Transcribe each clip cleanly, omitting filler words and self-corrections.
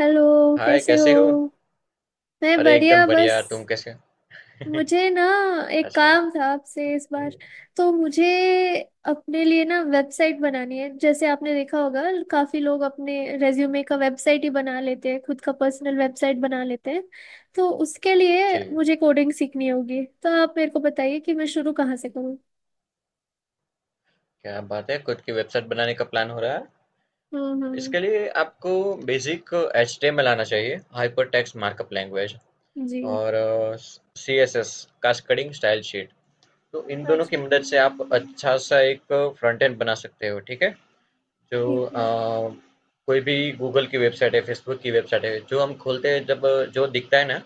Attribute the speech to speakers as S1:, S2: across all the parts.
S1: Hello.
S2: Hi
S1: कैसे हो?
S2: कैसी हो।
S1: मैं
S2: अरे
S1: बढ़िया।
S2: एकदम
S1: बस
S2: बढ़िया, तुम कैसे हो?
S1: मुझे ना एक
S2: अच्छा।
S1: काम था आपसे इस बार।
S2: जी।
S1: तो मुझे अपने लिए ना वेबसाइट बनानी है, जैसे आपने देखा होगा काफी लोग अपने रेज्यूमे का वेबसाइट ही बना लेते हैं, खुद का पर्सनल वेबसाइट बना लेते हैं। तो उसके लिए
S2: जी,
S1: मुझे कोडिंग सीखनी होगी। तो आप मेरे को बताइए कि मैं शुरू कहाँ से करूँ।
S2: क्या बात है, खुद की वेबसाइट बनाने का प्लान हो रहा है।
S1: हम्म, हम्म।
S2: इसके लिए आपको बेसिक एचटीएमएल आना चाहिए, हाइपर टेक्स्ट मार्कअप लैंग्वेज,
S1: जी।
S2: और सीएसएस, कास्केडिंग स्टाइल शीट। तो इन दोनों की
S1: अच्छा।
S2: मदद से आप अच्छा सा एक फ्रंट एंड बना सकते हो, ठीक है? जो
S1: ठीक है।
S2: अ, कोई भी गूगल की वेबसाइट है, फेसबुक की वेबसाइट है, जो हम खोलते हैं, जब जो दिखता है ना,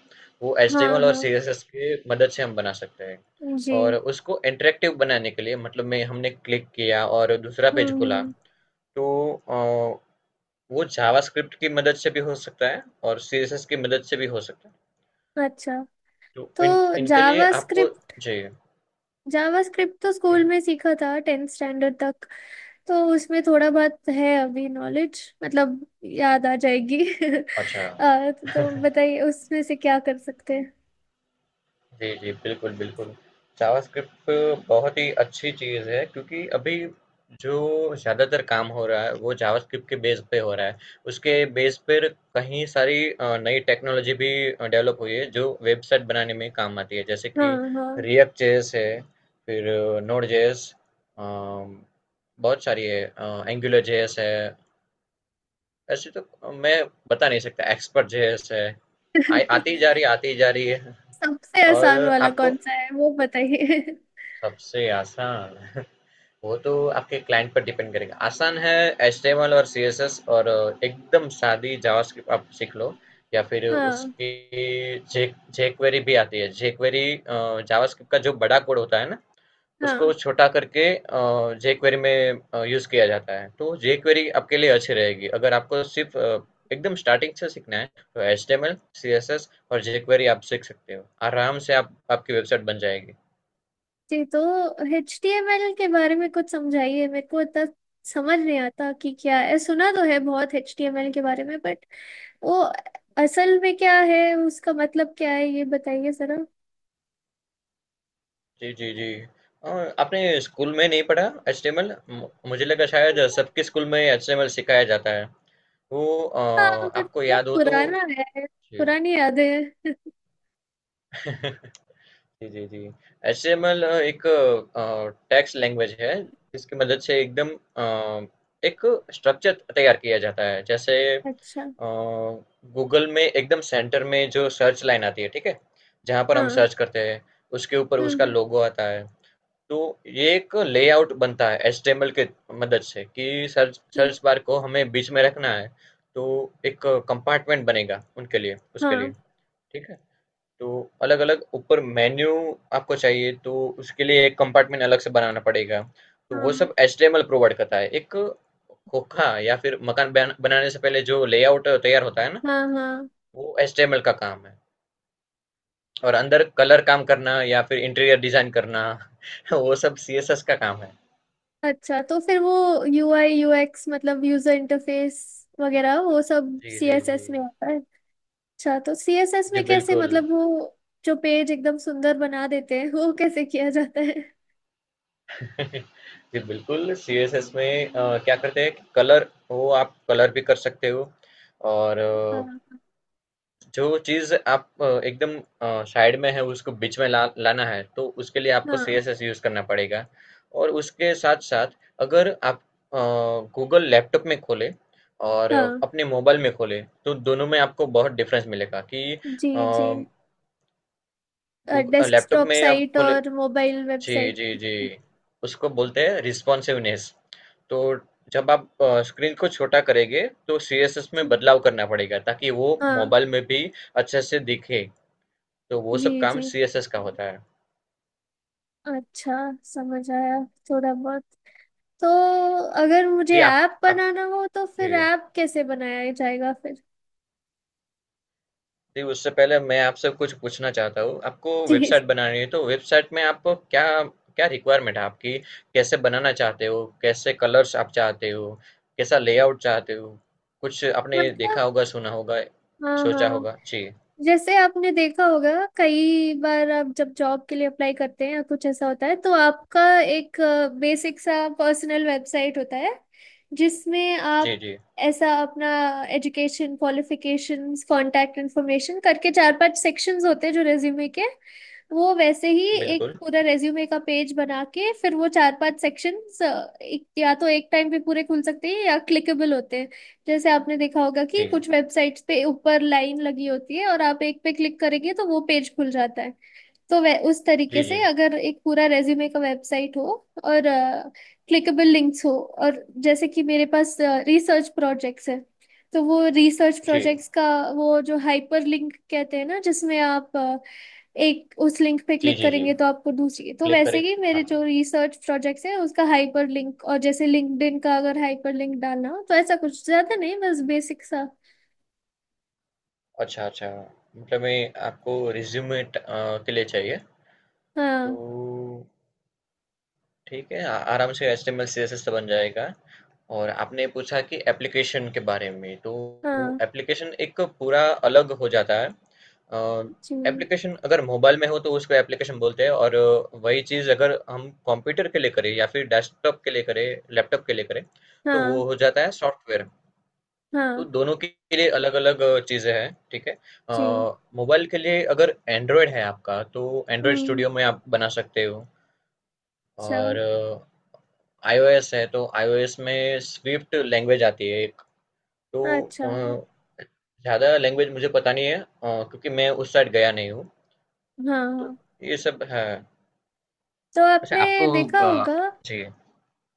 S2: वो
S1: हाँ,
S2: एचटीएमएल और
S1: हाँ।
S2: सीएसएस की मदद से हम बना सकते हैं।
S1: जी।
S2: और उसको इंटरैक्टिव बनाने के लिए, मतलब मैं हमने क्लिक किया और दूसरा पेज
S1: हम्म,
S2: खुला,
S1: हम्म।
S2: तो अ, वो जावास्क्रिप्ट की मदद से भी हो सकता है और सीएसएस की मदद से भी हो सकता है।
S1: अच्छा।
S2: तो
S1: तो
S2: इन इनके लिए
S1: जावा
S2: आपको जी,
S1: जावास्क्रिप्ट तो स्कूल
S2: जी।
S1: में सीखा था टेंथ स्टैंडर्ड तक। तो उसमें थोड़ा बहुत है, अभी नॉलेज मतलब याद आ जाएगी।
S2: अच्छा।
S1: तो बताइए उसमें से क्या कर सकते हैं।
S2: जी, जी, बिल्कुल, बिल्कुल। जावास्क्रिप्ट बहुत ही अच्छी चीज़ है, क्योंकि अभी जो ज़्यादातर काम हो रहा है वो जावास्क्रिप्ट के बेस पे हो रहा है। उसके बेस पर कहीं सारी नई टेक्नोलॉजी भी डेवलप हुई है जो वेबसाइट बनाने में काम आती है। जैसे कि
S1: हाँ, हाँ।
S2: रिएक्ट जेएस है, फिर नोड जेएस, अ, बहुत सारी है, एंगुलर जेएस है। ऐसे तो मैं बता नहीं सकता, एक्सपर्ट जेएस है। आई आती जा रही है, आती जा रही है।
S1: सबसे
S2: और
S1: आसान वाला
S2: आपको
S1: कौन सा है वो बताइए।
S2: सबसे आसान वो तो आपके क्लाइंट पर डिपेंड करेगा। आसान है एचटीएमएल और सीएसएस, और एकदम सादी जावास्क्रिप्ट आप सीख लो, या फिर
S1: हाँ,
S2: उसकी जे जेक्वेरी भी आती है। जेक्वेरी, जावास्क्रिप्ट का जो बड़ा कोड होता है ना, उसको
S1: हाँ।
S2: छोटा करके जेक्वेरी में यूज किया जाता है। तो जेक्वेरी आपके लिए अच्छी रहेगी। अगर आपको सिर्फ एकदम स्टार्टिंग से सीखना है, तो एचटीएमएल, सीएसएस और जेक्वेरी आप सीख सकते हो। आराम से आप, आपकी वेबसाइट बन जाएगी।
S1: जी। तो एच टी एम एल के बारे में कुछ समझाइए। मेरे को इतना समझ नहीं आता कि क्या है। सुना तो है बहुत एच टी एम एल के बारे में, बट वो असल में क्या है, उसका मतलब क्या है ये बताइए जरा।
S2: जी, जी, जी। अ, आपने स्कूल में नहीं पढ़ा एचटीएमएल? मु मुझे लगा
S1: हाँ।
S2: शायद सबके स्कूल में एचटीएमएल सिखाया जाता है। तो अ,
S1: पर
S2: आपको
S1: बहुत
S2: याद हो तो।
S1: पुराना है।
S2: जी।
S1: पुरानी यादें हैं।
S2: जी, जी, जी। एचटीएमएल एक टेक्स्ट लैंग्वेज है, जिसकी मदद से एकदम अ, एक स्ट्रक्चर तैयार किया जाता है। जैसे
S1: अच्छा।
S2: गूगल में एकदम सेंटर में जो सर्च लाइन आती है, ठीक है? जहाँ पर
S1: हाँ।
S2: हम
S1: हम्म,
S2: सर्च करते हैं, उसके ऊपर उसका
S1: हम्म।
S2: लोगो आता है। तो ये एक लेआउट बनता है एचटीएमएल के मदद से, कि सर्च
S1: ठीक।
S2: सर्च बार को हमें बीच में रखना है, तो एक कंपार्टमेंट बनेगा उनके लिए, उसके लिए,
S1: हाँ।
S2: ठीक है? तो अलग अलग ऊपर मेन्यू आपको चाहिए तो उसके लिए एक कंपार्टमेंट अलग से बनाना पड़ेगा। तो वो
S1: हाँ।
S2: सब एचटीएमएल प्रोवाइड करता है, एक खोखा या फिर मकान बनाने से पहले जो लेआउट तैयार होता है ना,
S1: हाँ। हाँ।
S2: वो एचटीएमएल का काम है। और अंदर कलर काम करना या फिर इंटीरियर डिजाइन करना वो सब सीएसएस का काम है।
S1: अच्छा, तो फिर वो यू आई यू एक्स मतलब यूजर इंटरफेस वगैरह वो सब
S2: जी,
S1: सी
S2: जी,
S1: एस
S2: जी।
S1: एस में आता है। अच्छा, तो सी एस एस
S2: जी,
S1: में कैसे
S2: बिल्कुल।
S1: मतलब वो जो पेज एकदम सुंदर बना देते हैं वो कैसे किया जाता है?
S2: जी, बिल्कुल, सीएसएस में क्या करते हैं कि कलर, वो आप कलर भी कर सकते हो, और
S1: हाँ।
S2: जो चीज़ आप एकदम साइड में है उसको बीच में ला लाना है, तो उसके लिए आपको
S1: हाँ।
S2: सीएसएस यूज़ करना पड़ेगा। और उसके साथ-साथ अगर आप अ, गूगल लैपटॉप में खोलें और
S1: हाँ।
S2: अपने मोबाइल में खोलें तो दोनों में आपको बहुत डिफ़रेंस मिलेगा कि
S1: जी, जी।
S2: गूग लैपटॉप
S1: डेस्कटॉप
S2: में आप
S1: साइट
S2: खोले।
S1: और मोबाइल
S2: जी,
S1: वेबसाइट।
S2: जी, जी। उसको बोलते हैं रिस्पॉन्सिवनेस। तो जब आप स्क्रीन को छोटा करेंगे तो सीएसएस में बदलाव करना पड़ेगा ताकि वो
S1: हाँ।
S2: मोबाइल में भी अच्छे से दिखे। तो वो
S1: जी,
S2: सब काम
S1: जी।
S2: सीएसएस का होता है।
S1: अच्छा। समझ आया थोड़ा बहुत। तो अगर मुझे
S2: जी। आप
S1: ऐप
S2: आप
S1: बनाना हो तो
S2: जी,
S1: फिर ऐप कैसे बनाया जाएगा फिर?
S2: जी उससे पहले मैं आपसे कुछ पूछना चाहता हूँ। आपको
S1: जी।
S2: वेबसाइट बनानी है, तो वेबसाइट में आपको क्या क्या रिक्वायरमेंट है आपकी, कैसे बनाना चाहते हो, कैसे कलर्स आप चाहते हो, कैसा लेआउट चाहते हो। कुछ आपने देखा
S1: मतलब।
S2: होगा, सुना होगा,
S1: हाँ,
S2: सोचा
S1: हाँ।
S2: होगा। जी,
S1: जैसे आपने देखा होगा, कई बार आप जब जॉब के लिए अप्लाई करते हैं या कुछ ऐसा होता है, तो आपका एक बेसिक सा पर्सनल वेबसाइट होता है, जिसमें
S2: जी,
S1: आप
S2: जी,
S1: ऐसा अपना एजुकेशन क्वालिफिकेशंस कांटेक्ट इन्फॉर्मेशन करके चार पांच सेक्शंस होते हैं जो रेज्यूमे के। वो वैसे ही एक
S2: बिल्कुल।
S1: पूरा रेज्यूमे का पेज बना के फिर वो चार पांच सेक्शंस या तो एक टाइम पे पूरे खुल सकते हैं या क्लिकेबल होते हैं। जैसे आपने देखा होगा कि
S2: जी, जी,
S1: कुछ वेबसाइट्स पे ऊपर लाइन लगी होती है और आप एक पे क्लिक करेंगे तो वो पेज खुल जाता है। तो वह उस तरीके से
S2: जी।
S1: अगर एक पूरा रेज्यूमे का वेबसाइट हो और क्लिकेबल लिंक्स हो। और जैसे कि मेरे पास रिसर्च प्रोजेक्ट्स है, तो वो रिसर्च
S2: जी,
S1: प्रोजेक्ट्स का वो जो हाइपर लिंक कहते हैं ना, जिसमें आप एक उस लिंक पे
S2: जी,
S1: क्लिक
S2: जी। जी।
S1: करेंगे तो आपको दूसरी, तो
S2: क्लिक
S1: वैसे
S2: करें।
S1: ही
S2: हाँ,
S1: मेरे जो रिसर्च प्रोजेक्ट्स हैं उसका हाइपर लिंक और जैसे लिंक्डइन का अगर हाइपर लिंक डालना हो, तो ऐसा कुछ ज्यादा नहीं, बस बेसिक सा।
S2: अच्छा, अच्छा। मतलब मैं आपको रिज्यूमे के लिए चाहिए,
S1: हाँ,
S2: तो ठीक है, आराम से HTML CSS तो बन जाएगा। और आपने पूछा कि एप्लीकेशन के बारे में, तो
S1: हाँ।
S2: एप्लीकेशन एक पूरा अलग हो जाता है।
S1: जी।
S2: एप्लीकेशन अगर मोबाइल में हो तो उसको एप्लीकेशन बोलते हैं, और वही चीज़ अगर हम कंप्यूटर के लिए करें या फिर डेस्कटॉप के लिए करें, लैपटॉप के लिए करें, तो वो
S1: हाँ,
S2: हो जाता है सॉफ्टवेयर। तो
S1: हाँ।
S2: दोनों के लिए अलग-अलग चीज़ें हैं, ठीक है? अ,
S1: जी।
S2: मोबाइल के लिए अगर एंड्रॉयड है आपका, तो एंड्रॉयड
S1: हम्म।
S2: स्टूडियो में आप बना सकते हो।
S1: अच्छा,
S2: और आईओएस है तो आईओएस में स्विफ्ट लैंग्वेज आती है एक। तो
S1: अच्छा। हाँ,
S2: अ, ज़्यादा लैंग्वेज मुझे पता नहीं है, क्योंकि मैं उस साइड गया नहीं हूँ। तो
S1: हाँ।
S2: ये सब है।
S1: तो
S2: वैसे
S1: आपने
S2: आपको
S1: देखा
S2: अ,
S1: होगा
S2: जी,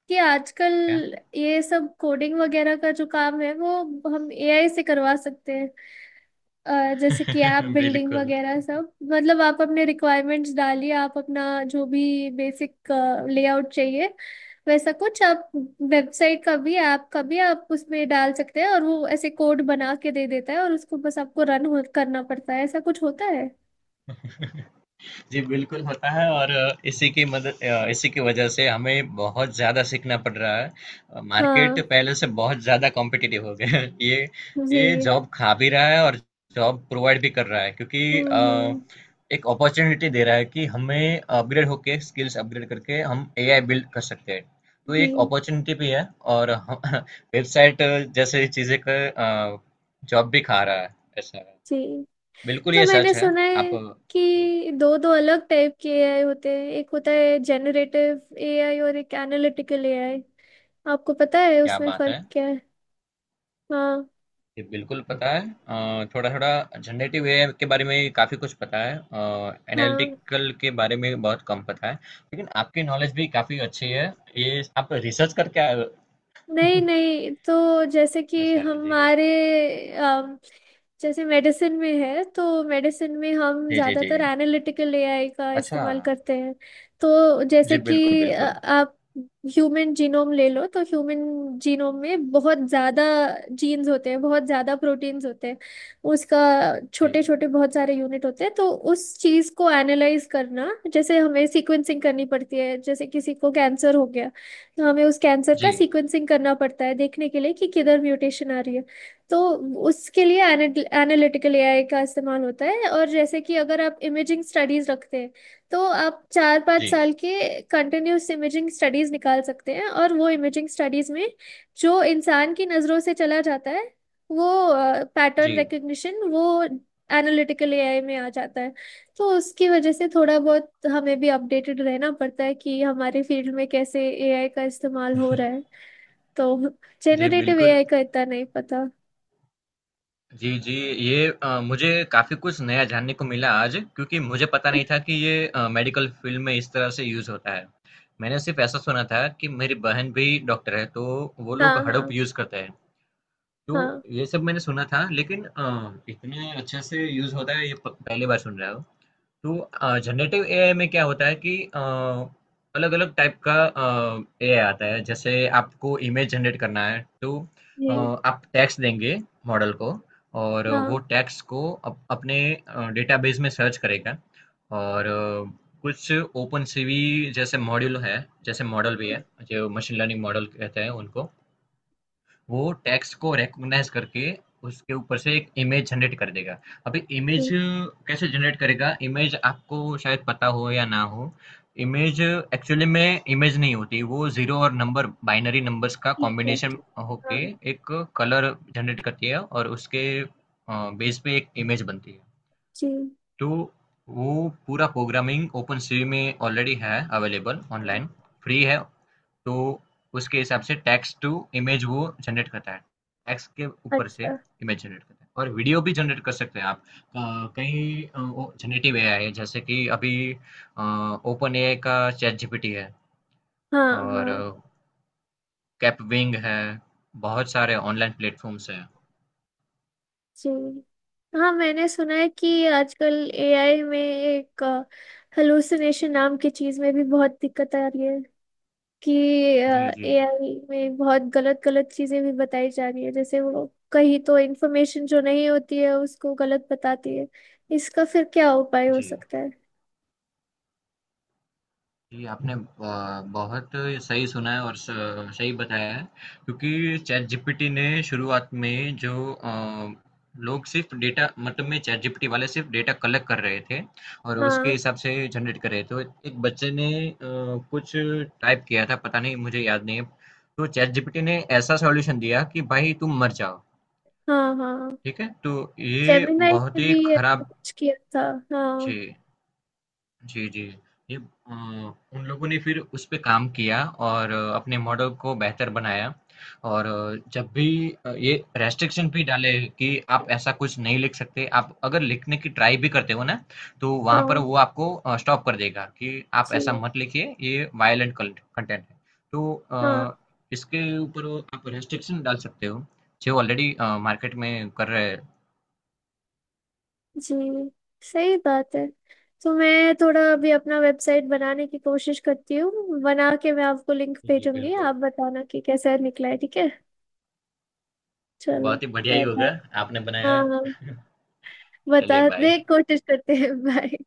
S1: कि आजकल
S2: क्या?
S1: ये सब कोडिंग वगैरह का जो काम है वो हम एआई से करवा सकते हैं। जैसे कि ऐप बिल्डिंग
S2: बिल्कुल।
S1: वगैरह सब, मतलब आप अपने रिक्वायरमेंट्स डालिए, आप अपना जो भी बेसिक लेआउट चाहिए वैसा कुछ आप वेबसाइट का भी ऐप का भी आप उसमें डाल सकते हैं, और वो ऐसे कोड बना के दे देता है और उसको बस आपको रन करना पड़ता है, ऐसा कुछ होता है।
S2: जी, बिल्कुल होता है, और इसी की मदद, इसी की वजह से हमें बहुत ज़्यादा सीखना पड़ रहा है। मार्केट
S1: हाँ।
S2: पहले से बहुत ज़्यादा कॉम्पिटिटिव हो गया है। ये
S1: जी।
S2: ये जॉब खा भी रहा है और जॉब प्रोवाइड भी कर रहा है, क्योंकि
S1: हम्म, हम्म।
S2: एक अपॉर्चुनिटी दे रहा है कि हमें अपग्रेड होके, स्किल्स अपग्रेड करके हम एआई बिल्ड कर सकते हैं। तो ये
S1: जी,
S2: एक अपॉर्चुनिटी भी है, और वेबसाइट जैसे चीज़ें का जॉब भी खा रहा है, ऐसा है।
S1: जी।
S2: बिल्कुल
S1: तो
S2: ये
S1: मैंने
S2: सच है।
S1: सुना
S2: आप
S1: है
S2: जी,
S1: कि दो दो अलग टाइप के एआई होते हैं, एक होता है जेनरेटिव एआई और एक एनालिटिकल एआई। आपको पता है
S2: क्या
S1: उसमें
S2: बात है।
S1: फर्क क्या है? हाँ,
S2: जी, बिल्कुल पता है। थोड़ा थोड़ा जनरेटिव एआई के बारे में काफ़ी कुछ पता है,
S1: हाँ।
S2: एनालिटिकल के बारे में बहुत कम पता है, लेकिन आपकी नॉलेज भी काफ़ी अच्छी है, ये आप रिसर्च करके आए हो।
S1: नहीं, नहीं, तो जैसे कि
S2: अच्छा, जी,
S1: हमारे अम, जैसे मेडिसिन में है तो मेडिसिन में हम
S2: जी, जी, जी,
S1: ज़्यादातर एनालिटिकल एआई का
S2: अच्छा,
S1: इस्तेमाल करते हैं। तो जैसे
S2: जी, बिल्कुल,
S1: कि
S2: बिल्कुल।
S1: आप ह्यूमन जीनोम ले लो, तो ह्यूमन जीनोम में बहुत ज़्यादा जीन्स होते हैं, बहुत ज़्यादा प्रोटीन्स होते हैं। उसका छोटे
S2: जी,
S1: छोटे बहुत सारे यूनिट होते हैं। तो उस चीज़ को एनालाइज करना, जैसे हमें सीक्वेंसिंग करनी पड़ती है, जैसे किसी को कैंसर हो गया तो हमें उस कैंसर
S2: जी,
S1: का सीक्वेंसिंग करना पड़ता है देखने के लिए कि किधर म्यूटेशन आ रही है। तो उसके लिए एनालिटिकल एआई का इस्तेमाल होता है। और जैसे कि अगर आप इमेजिंग स्टडीज रखते हैं, तो आप चार पाँच
S2: जी,
S1: साल के कंटिन्यूस इमेजिंग स्टडीज निकाल सकते हैं, और वो इमेजिंग स्टडीज में जो इंसान की नज़रों से चला जाता है वो पैटर्न
S2: जी,
S1: रिकग्निशन वो एनालिटिकल एआई में आ जाता है। तो उसकी वजह से थोड़ा बहुत हमें भी अपडेटेड रहना पड़ता है कि हमारे फील्ड में कैसे एआई का इस्तेमाल हो रहा है। तो
S2: जी,
S1: जेनरेटिव
S2: बिल्कुल।
S1: एआई का इतना नहीं पता।
S2: जी, जी। ये मुझे काफ़ी कुछ नया जानने को मिला आज, क्योंकि मुझे पता नहीं था कि ये मेडिकल फ़ील्ड में इस तरह से यूज़ होता है। मैंने सिर्फ ऐसा सुना था कि मेरी बहन भी डॉक्टर है, तो वो लोग
S1: हाँ,
S2: हड़प
S1: हाँ।
S2: यूज़ करते हैं। तो
S1: हाँ।
S2: ये सब मैंने सुना था, लेकिन इतने अच्छे से यूज़ होता है ये प पहली बार सुन रहा हूँ। तो जनरेटिव एआई में क्या होता है कि अलग अलग टाइप का एआई आता है। जैसे आपको इमेज जनरेट करना है तो
S1: जी।
S2: आप टैक्स देंगे मॉडल को, और वो
S1: हाँ।
S2: टैक्स को अपने डेटाबेस में सर्च करेगा, और कुछ ओपन सीवी जैसे मॉड्यूल है, जैसे मॉडल भी
S1: हम्म।
S2: है, जो मशीन लर्निंग मॉडल कहते हैं उनको, वो टेक्स्ट को रिकॉग्नाइज करके उसके ऊपर से एक इमेज जनरेट कर देगा। अभी इमेज
S1: जी।
S2: कैसे जनरेट करेगा, इमेज आपको शायद पता हो या ना हो। इमेज एक्चुअली में इमेज नहीं होती, वो जीरो और नंबर, बाइनरी नंबर्स का
S1: ठीक है।
S2: कॉम्बिनेशन
S1: ठीक। हाँ।
S2: होके एक कलर जनरेट करती है, और उसके बेस पे एक इमेज बनती है।
S1: जी।
S2: तो वो पूरा प्रोग्रामिंग ओपन सी में ऑलरेडी है, अवेलेबल
S1: हाँ।
S2: ऑनलाइन, फ्री है। तो उसके हिसाब से टेक्स्ट टू इमेज वो जनरेट करता है, टेक्स्ट के ऊपर से
S1: अच्छा।
S2: इमेज जनरेट करता है, और वीडियो भी जनरेट कर सकते हैं आप। कई जनरेटिव एआई है, जैसे कि अभी ओपन एआई का चैट जीपीटी है,
S1: हाँ,
S2: और
S1: हाँ।
S2: कैपविंग है। बहुत सारे ऑनलाइन प्लेटफॉर्म्स हैं।
S1: जी। हाँ, मैंने सुना है कि आजकल एआई में एक हेलुसिनेशन नाम की चीज में भी बहुत दिक्कत आ रही है। कि
S2: जी, जी,
S1: एआई में बहुत गलत गलत चीजें भी बताई जा रही है, जैसे वो कहीं तो इंफॉर्मेशन जो नहीं होती है उसको गलत बताती है। इसका फिर क्या उपाय हो
S2: जी।
S1: सकता है?
S2: जी, आपने बहुत सही सुना है और स सही बताया है, क्योंकि चैटजीपीटी ने शुरुआत में जो लोग सिर्फ़ डेटा, मतलब में चैटजीपीटी वाले सिर्फ़ डेटा कलेक्ट कर रहे थे और उसके
S1: हाँ,
S2: हिसाब से जनरेट कर रहे थे। तो एक बच्चे ने कुछ टाइप किया था, पता नहीं, मुझे याद नहीं है। तो चैटजीपीटी ने ऐसा सॉल्यूशन दिया कि भाई तुम मर जाओ,
S1: हाँ, हाँ।
S2: ठीक है? तो ये
S1: जेमिनाई
S2: बहुत
S1: ने
S2: ही
S1: भी ऐसा
S2: खराब।
S1: कुछ किया था। हाँ,
S2: जी। जी, जी। ये उन लोगों ने फिर उस पे काम किया और अपने मॉडल को बेहतर बनाया, और जब भी ये रेस्ट्रिक्शन भी डाले कि आप ऐसा कुछ नहीं लिख सकते। आप अगर लिखने की ट्राई भी करते हो ना, तो वहाँ पर
S1: हाँ।
S2: वो आपको स्टॉप कर देगा कि आप ऐसा
S1: जी।
S2: मत लिखिए, ये वायलेंट कंटेंट है। तो
S1: हाँ।
S2: इसके ऊपर वो आप रेस्ट्रिक्शन डाल सकते हो, जो ऑलरेडी मार्केट में कर रहे हैं।
S1: जी। सही बात है। तो मैं थोड़ा अभी अपना वेबसाइट बनाने की कोशिश करती हूँ, बना के मैं आपको लिंक
S2: जी,
S1: भेजूंगी,
S2: बिल्कुल।
S1: आप बताना कि कैसा निकला है, ठीक है? चलो।
S2: बहुत ही बढ़िया ही
S1: बाय, बाय।
S2: होगा, आपने
S1: हाँ,
S2: बनाया।
S1: हाँ।
S2: चलिए, बाय।
S1: बताने की कोशिश करते हैं भाई।